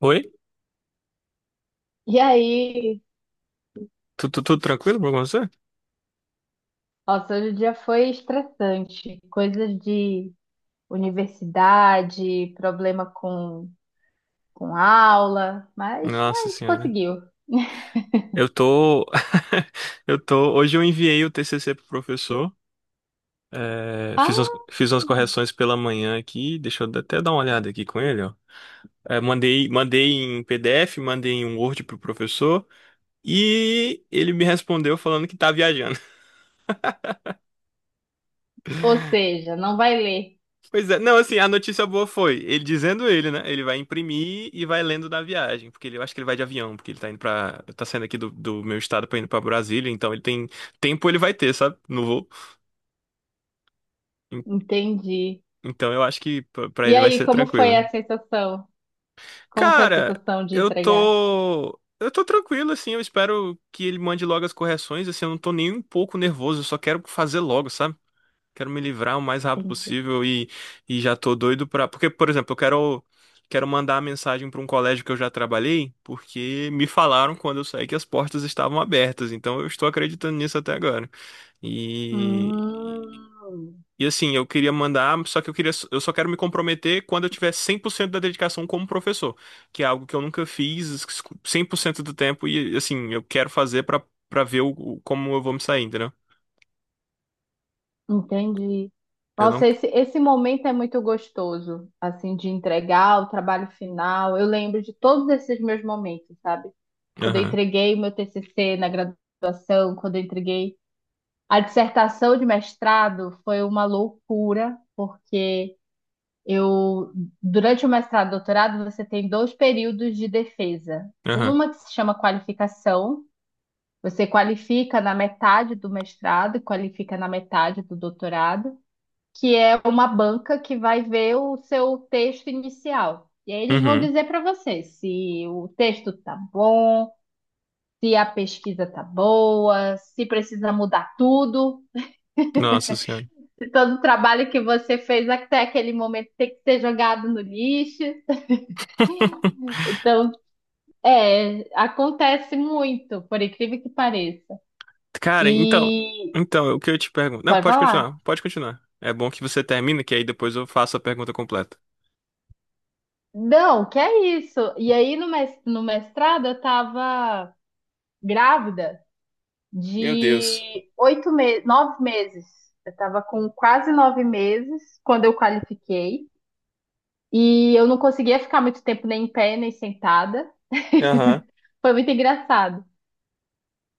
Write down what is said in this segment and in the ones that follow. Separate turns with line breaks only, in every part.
Oi?
E aí,
Tudo, tranquilo com você?
nossa, hoje o dia foi estressante. Coisas de universidade, problema com aula, mas
Nossa
a gente
senhora.
conseguiu.
Eu tô. Eu tô. Hoje eu enviei o TCC pro professor.
Ah,
Fiz umas correções pela manhã aqui. Deixa eu até dar uma olhada aqui com ele, ó. É, mandei, mandei em PDF, mandei em um Word pro professor. E ele me respondeu falando que tá viajando.
ou seja, não vai ler.
Pois é, não, assim, a notícia boa foi, ele dizendo ele, né? Ele vai imprimir e vai lendo da viagem, porque ele, eu acho que ele vai de avião, porque ele tá indo pra, tá saindo aqui do, do meu estado pra indo pra Brasília, então ele tem tempo, ele vai ter, sabe? No voo. En-
Entendi.
Então eu acho que pra
E
ele vai
aí,
ser
como foi
tranquilo.
a sensação? Como foi a
Cara,
sensação de entregar?
eu tô tranquilo, assim, eu espero que ele mande logo as correções, assim, eu não tô nem um pouco nervoso, eu só quero fazer logo, sabe? Quero me livrar o mais rápido
Entendi.
possível e já tô doido pra. Porque, por exemplo, quero mandar a mensagem pra um colégio que eu já trabalhei, porque me falaram quando eu saí que as portas estavam abertas. Então eu estou acreditando nisso até agora. E,
Hum.
e assim, eu queria mandar, só que eu queria, eu só quero me comprometer quando eu tiver 100% da dedicação como professor, que é algo que eu nunca fiz 100% do tempo e assim, eu quero fazer pra para ver como eu vou me sair, entendeu?
Entendi.
Eu não.
Nossa, esse momento é muito gostoso, assim, de entregar o trabalho final. Eu lembro de todos esses meus momentos, sabe? Quando eu
Aham.
entreguei o meu TCC na graduação, quando eu entreguei a dissertação de mestrado, foi uma loucura, porque eu, durante o mestrado e doutorado, você tem dois períodos de defesa.
Aham.
Uma que se chama qualificação, você qualifica na metade do mestrado e qualifica na metade do doutorado que é uma banca que vai ver o seu texto inicial. E aí eles vão
Uhum.
dizer para você se o texto tá bom, se a pesquisa tá boa, se precisa mudar tudo,
Nossa senhora.
se todo o trabalho que você fez até aquele momento tem que ser jogado no lixo. Então, acontece muito, por incrível que pareça.
Cara,
E
então, o que eu te pergunto? Não,
pode
pode
falar.
continuar, pode continuar. É bom que você termina, que aí depois eu faço a pergunta completa.
Não, que é isso. E aí no mestrado eu estava grávida
Meu Deus.
de 8 meses, 9 meses. Eu estava com quase 9 meses quando eu qualifiquei. E eu não conseguia ficar muito tempo nem em pé, nem sentada.
Aham,
Foi muito engraçado.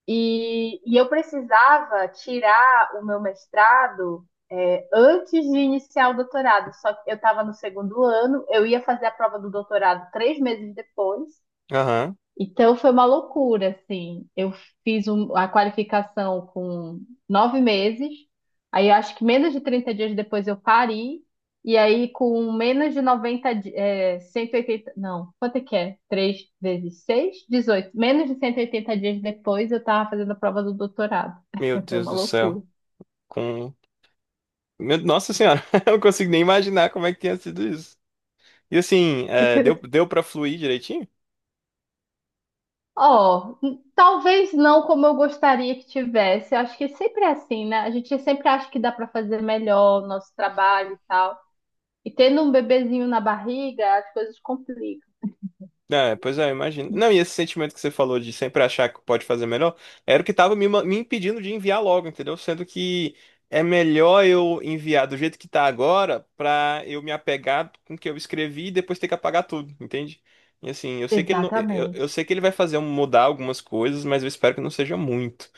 E, eu precisava tirar o meu mestrado antes de iniciar o doutorado. Só que eu estava no segundo ano, eu ia fazer a prova do doutorado 3 meses depois.
aham.
Então foi uma loucura, assim. Eu a qualificação com 9 meses, aí eu acho que menos de 30 dias depois eu parei, e aí com menos de 90, 180, não, quanto é que é? 3 vezes 6, 18. Menos de 180 dias depois eu estava fazendo a prova do doutorado.
Meu
Foi
Deus
uma
do
loucura.
céu. Com... Nossa senhora, eu não consigo nem imaginar como é que tinha sido isso. E assim, é, deu pra fluir direitinho?
Ó, talvez não como eu gostaria que tivesse. Eu acho que sempre é assim, né? A gente sempre acha que dá para fazer melhor o nosso trabalho e tal. E tendo um bebezinho na barriga, as coisas complicam.
É, pois é, eu imagino. Não, e esse sentimento que você falou de sempre achar que pode fazer melhor, era o que tava me impedindo de enviar logo, entendeu? Sendo que é melhor eu enviar do jeito que tá agora pra eu me apegar com o que eu escrevi e depois ter que apagar tudo, entende? E assim, eu sei que ele não, eu
Exatamente.
sei que ele vai fazer mudar algumas coisas, mas eu espero que não seja muito.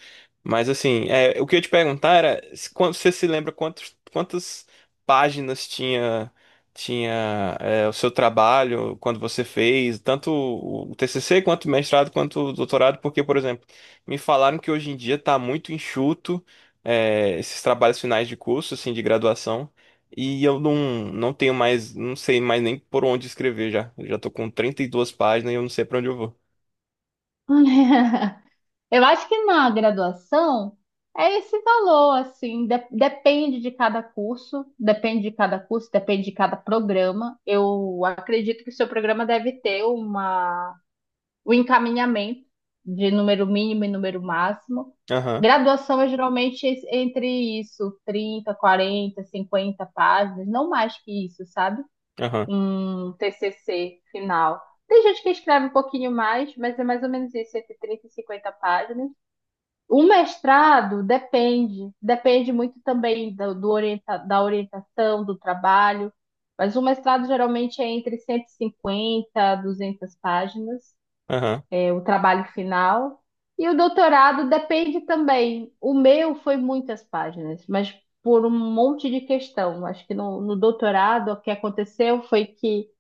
Mas assim, é, o que eu ia te perguntar era se você se lembra quantas páginas tinha é, o seu trabalho quando você fez, tanto o TCC quanto o mestrado quanto o doutorado, porque, por exemplo, me falaram que hoje em dia está muito enxuto é, esses trabalhos finais de curso, assim, de graduação, e eu não, não tenho mais, não sei mais nem por onde escrever já. Eu já tô com 32 páginas e eu não sei para onde eu vou.
Eu acho que na graduação é esse valor, assim, depende de cada curso, depende de cada curso, depende de cada programa. Eu acredito que o seu programa deve ter uma, um encaminhamento de número mínimo e número máximo.
Aham,
Graduação é geralmente entre isso, 30, 40, 50 páginas, não mais que isso, sabe?
aham,
Um TCC final. Tem gente que escreve um pouquinho mais, mas é mais ou menos isso, entre 30 e 50 páginas. O mestrado depende, depende muito também do, da orientação, do trabalho, mas o mestrado geralmente é entre 150 a 200 páginas,
aham,
é o trabalho final. E o doutorado depende também. O meu foi muitas páginas, mas por um monte de questão. Acho que no doutorado o que aconteceu foi que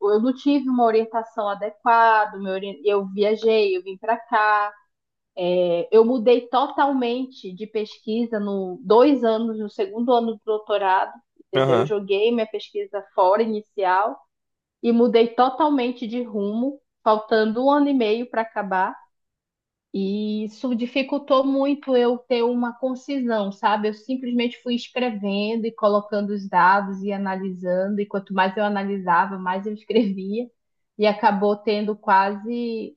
eu não tive uma orientação adequada, eu viajei, eu vim para cá. Eu mudei totalmente de pesquisa no segundo ano do doutorado, entendeu? Eu
aham,
joguei minha pesquisa fora inicial e mudei totalmente de rumo, faltando um ano e meio para acabar. E isso dificultou muito eu ter uma concisão, sabe? Eu simplesmente fui escrevendo e colocando os dados e analisando, e quanto mais eu analisava, mais eu escrevia, e acabou tendo quase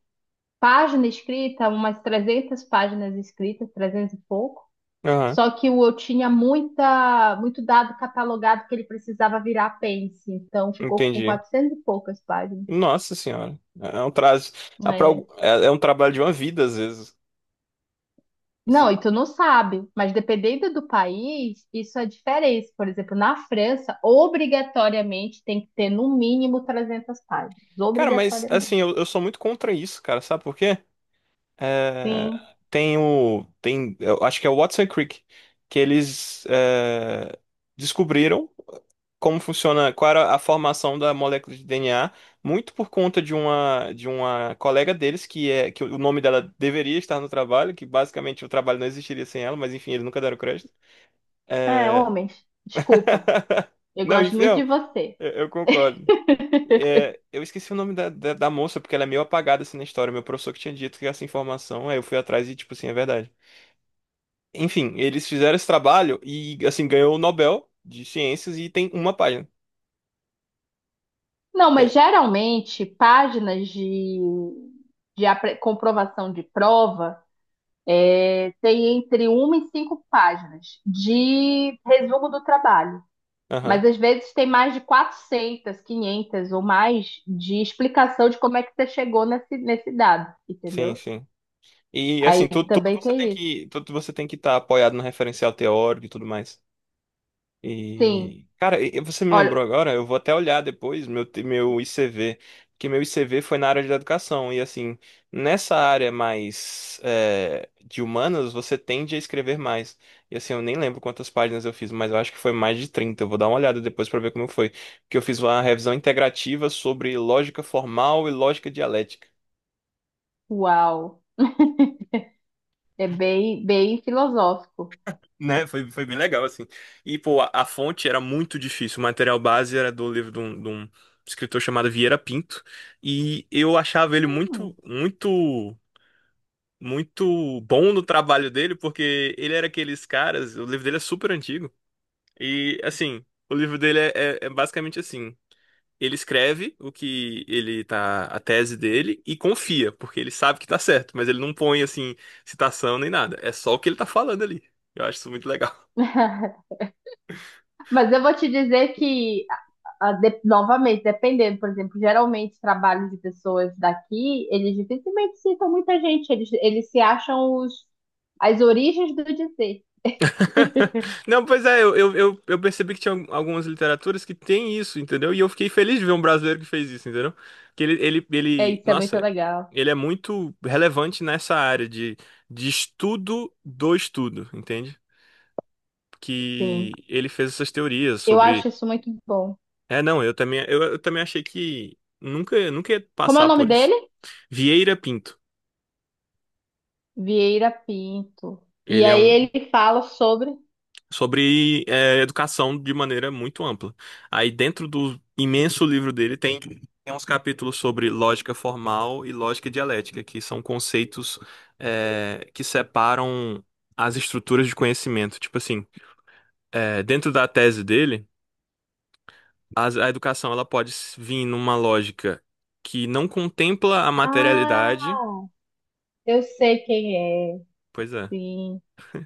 página escrita, umas 300 páginas escritas, 300 e pouco.
aham,
Só que o eu tinha muita, muito dado catalogado que ele precisava virar apêndice, então ficou com
entendi.
400 e poucas páginas.
Nossa senhora, é
É.
é um trabalho de uma vida às vezes. Você-
Não, e tu não sabe, mas dependendo do país, isso é diferente. Por exemplo, na França, obrigatoriamente tem que ter no mínimo 300 páginas,
Cara, mas
obrigatoriamente.
assim, eu sou muito contra isso, cara, sabe por quê? É,
Sim,
tem, eu acho que é o Watson Crick, que eles é, descobriram como funciona, qual era a formação da molécula de DNA, muito por conta de uma colega deles, que é, que o nome dela deveria estar no trabalho, que basicamente o trabalho não existiria sem ela, mas enfim, eles nunca deram crédito.
é,
É...
homens, desculpa, eu
Não,
gosto
enfim,
muito de
não.
você.
Eu concordo. É, eu esqueci o nome da moça, porque ela é meio apagada assim na história. Meu professor que tinha dito que essa informação, aí eu fui atrás e, tipo assim, é verdade. Enfim, eles fizeram esse trabalho e, assim, ganhou o Nobel de Ciências e tem uma página.
Não, mas
É,
geralmente páginas de, comprovação de prova tem entre uma e cinco páginas de resumo do trabalho.
aham,
Mas às vezes tem mais de 400, 500 ou mais de explicação de como é que você chegou nesse dado,
sim,
entendeu?
sim. E, assim,
Aí
tudo,
também tem isso.
tudo você tem que estar apoiado no referencial teórico e tudo mais.
Sim,
E, cara, você me lembrou
olha,
agora, eu vou até olhar depois meu ICV, porque meu ICV foi na área de educação, e assim, nessa área mais é, de humanas, você tende a escrever mais. E assim, eu nem lembro quantas páginas eu fiz, mas eu acho que foi mais de 30. Eu vou dar uma olhada depois pra ver como foi. Porque eu fiz uma revisão integrativa sobre lógica formal e lógica dialética.
uau, é bem, bem filosófico.
Né? Foi, foi bem legal, assim. E, pô, a fonte era muito difícil. O material base era do livro de um escritor chamado Vieira Pinto. E eu achava ele
Hum.
muito bom no trabalho dele, porque ele era aqueles caras. O livro dele é super antigo. E, assim, o livro dele é, é basicamente assim. Ele escreve o que ele tá, a tese dele e confia, porque ele sabe que tá certo, mas ele não põe assim citação nem nada. É só o que ele tá falando ali. Eu acho isso muito legal.
Mas eu vou te dizer que Ah, novamente, dependendo, por exemplo, geralmente trabalho de pessoas daqui, eles dificilmente citam muita gente, eles se acham os, as origens do dizer.
Não, pois é, eu percebi que tinha algumas literaturas que tem isso, entendeu? E eu fiquei feliz de ver um brasileiro que fez isso, entendeu? Que
É,
ele,
isso é muito
nossa,
legal,
ele é muito relevante nessa área de estudo do estudo, entende?
sim.
Que ele fez essas teorias
Eu acho
sobre.
isso muito bom.
É, não, eu também, eu também achei que nunca ia
Como é o
passar
nome
por isso.
dele?
Vieira Pinto.
Vieira Pinto. E
Ele é
aí
um,
ele fala sobre.
sobre é, educação de maneira muito ampla. Aí dentro do imenso livro dele tem uns capítulos sobre lógica formal e lógica dialética, que são conceitos é, que separam as estruturas de conhecimento. Tipo assim, é, dentro da tese dele, educação ela pode vir numa lógica que não contempla a
Ah,
materialidade.
eu sei quem é,
Pois é.
sim.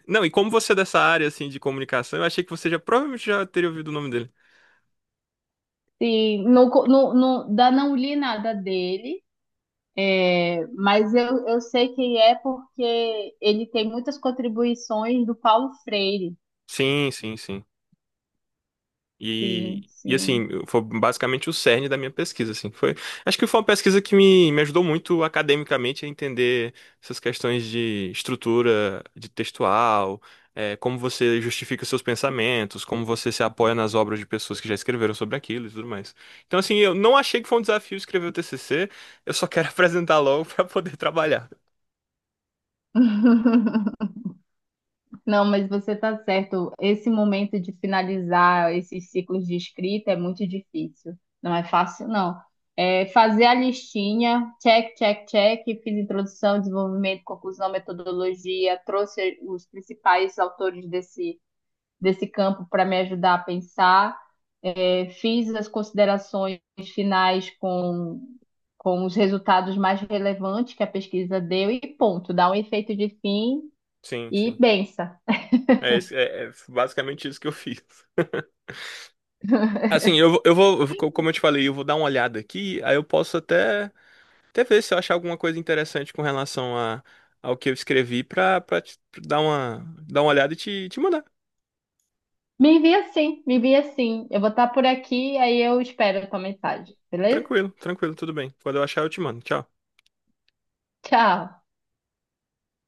Não, e como você é dessa área assim de comunicação, eu achei que você já provavelmente já teria ouvido o nome dele.
Sim, não, não, não, da, não li nada dele. Mas eu sei quem é porque ele tem muitas contribuições do Paulo Freire.
Sim, sim, sim.
Sim,
E
sim.
assim, foi basicamente o cerne da minha pesquisa, assim. Foi, acho que foi uma pesquisa que me ajudou muito academicamente a entender essas questões de estrutura, de textual, eh, como você justifica seus pensamentos, como você se apoia nas obras de pessoas que já escreveram sobre aquilo e tudo mais. Então, assim, eu não achei que foi um desafio escrever o TCC, eu só quero apresentar logo para poder trabalhar.
Não, mas você está certo. Esse momento de finalizar esses ciclos de escrita é muito difícil. Não é fácil, não. É fazer a listinha, check, check, check, fiz introdução, desenvolvimento, conclusão, metodologia, trouxe os principais autores desse campo para me ajudar a pensar. É, fiz as considerações finais com os resultados mais relevantes que a pesquisa deu e ponto, dá um efeito de fim
Sim,
e
sim.
bença.
É, é basicamente isso que eu fiz. Assim, eu vou, como eu te falei, eu vou dar uma olhada aqui, aí eu posso até Até ver se eu achar alguma coisa interessante com relação a, ao que eu escrevi pra dar uma olhada e te mandar.
Me envia sim, me envia sim. Eu vou estar por aqui, aí eu espero a tua mensagem, beleza?
Tranquilo, tranquilo, tudo bem. Quando eu achar, eu te mando. Tchau.
Tchau!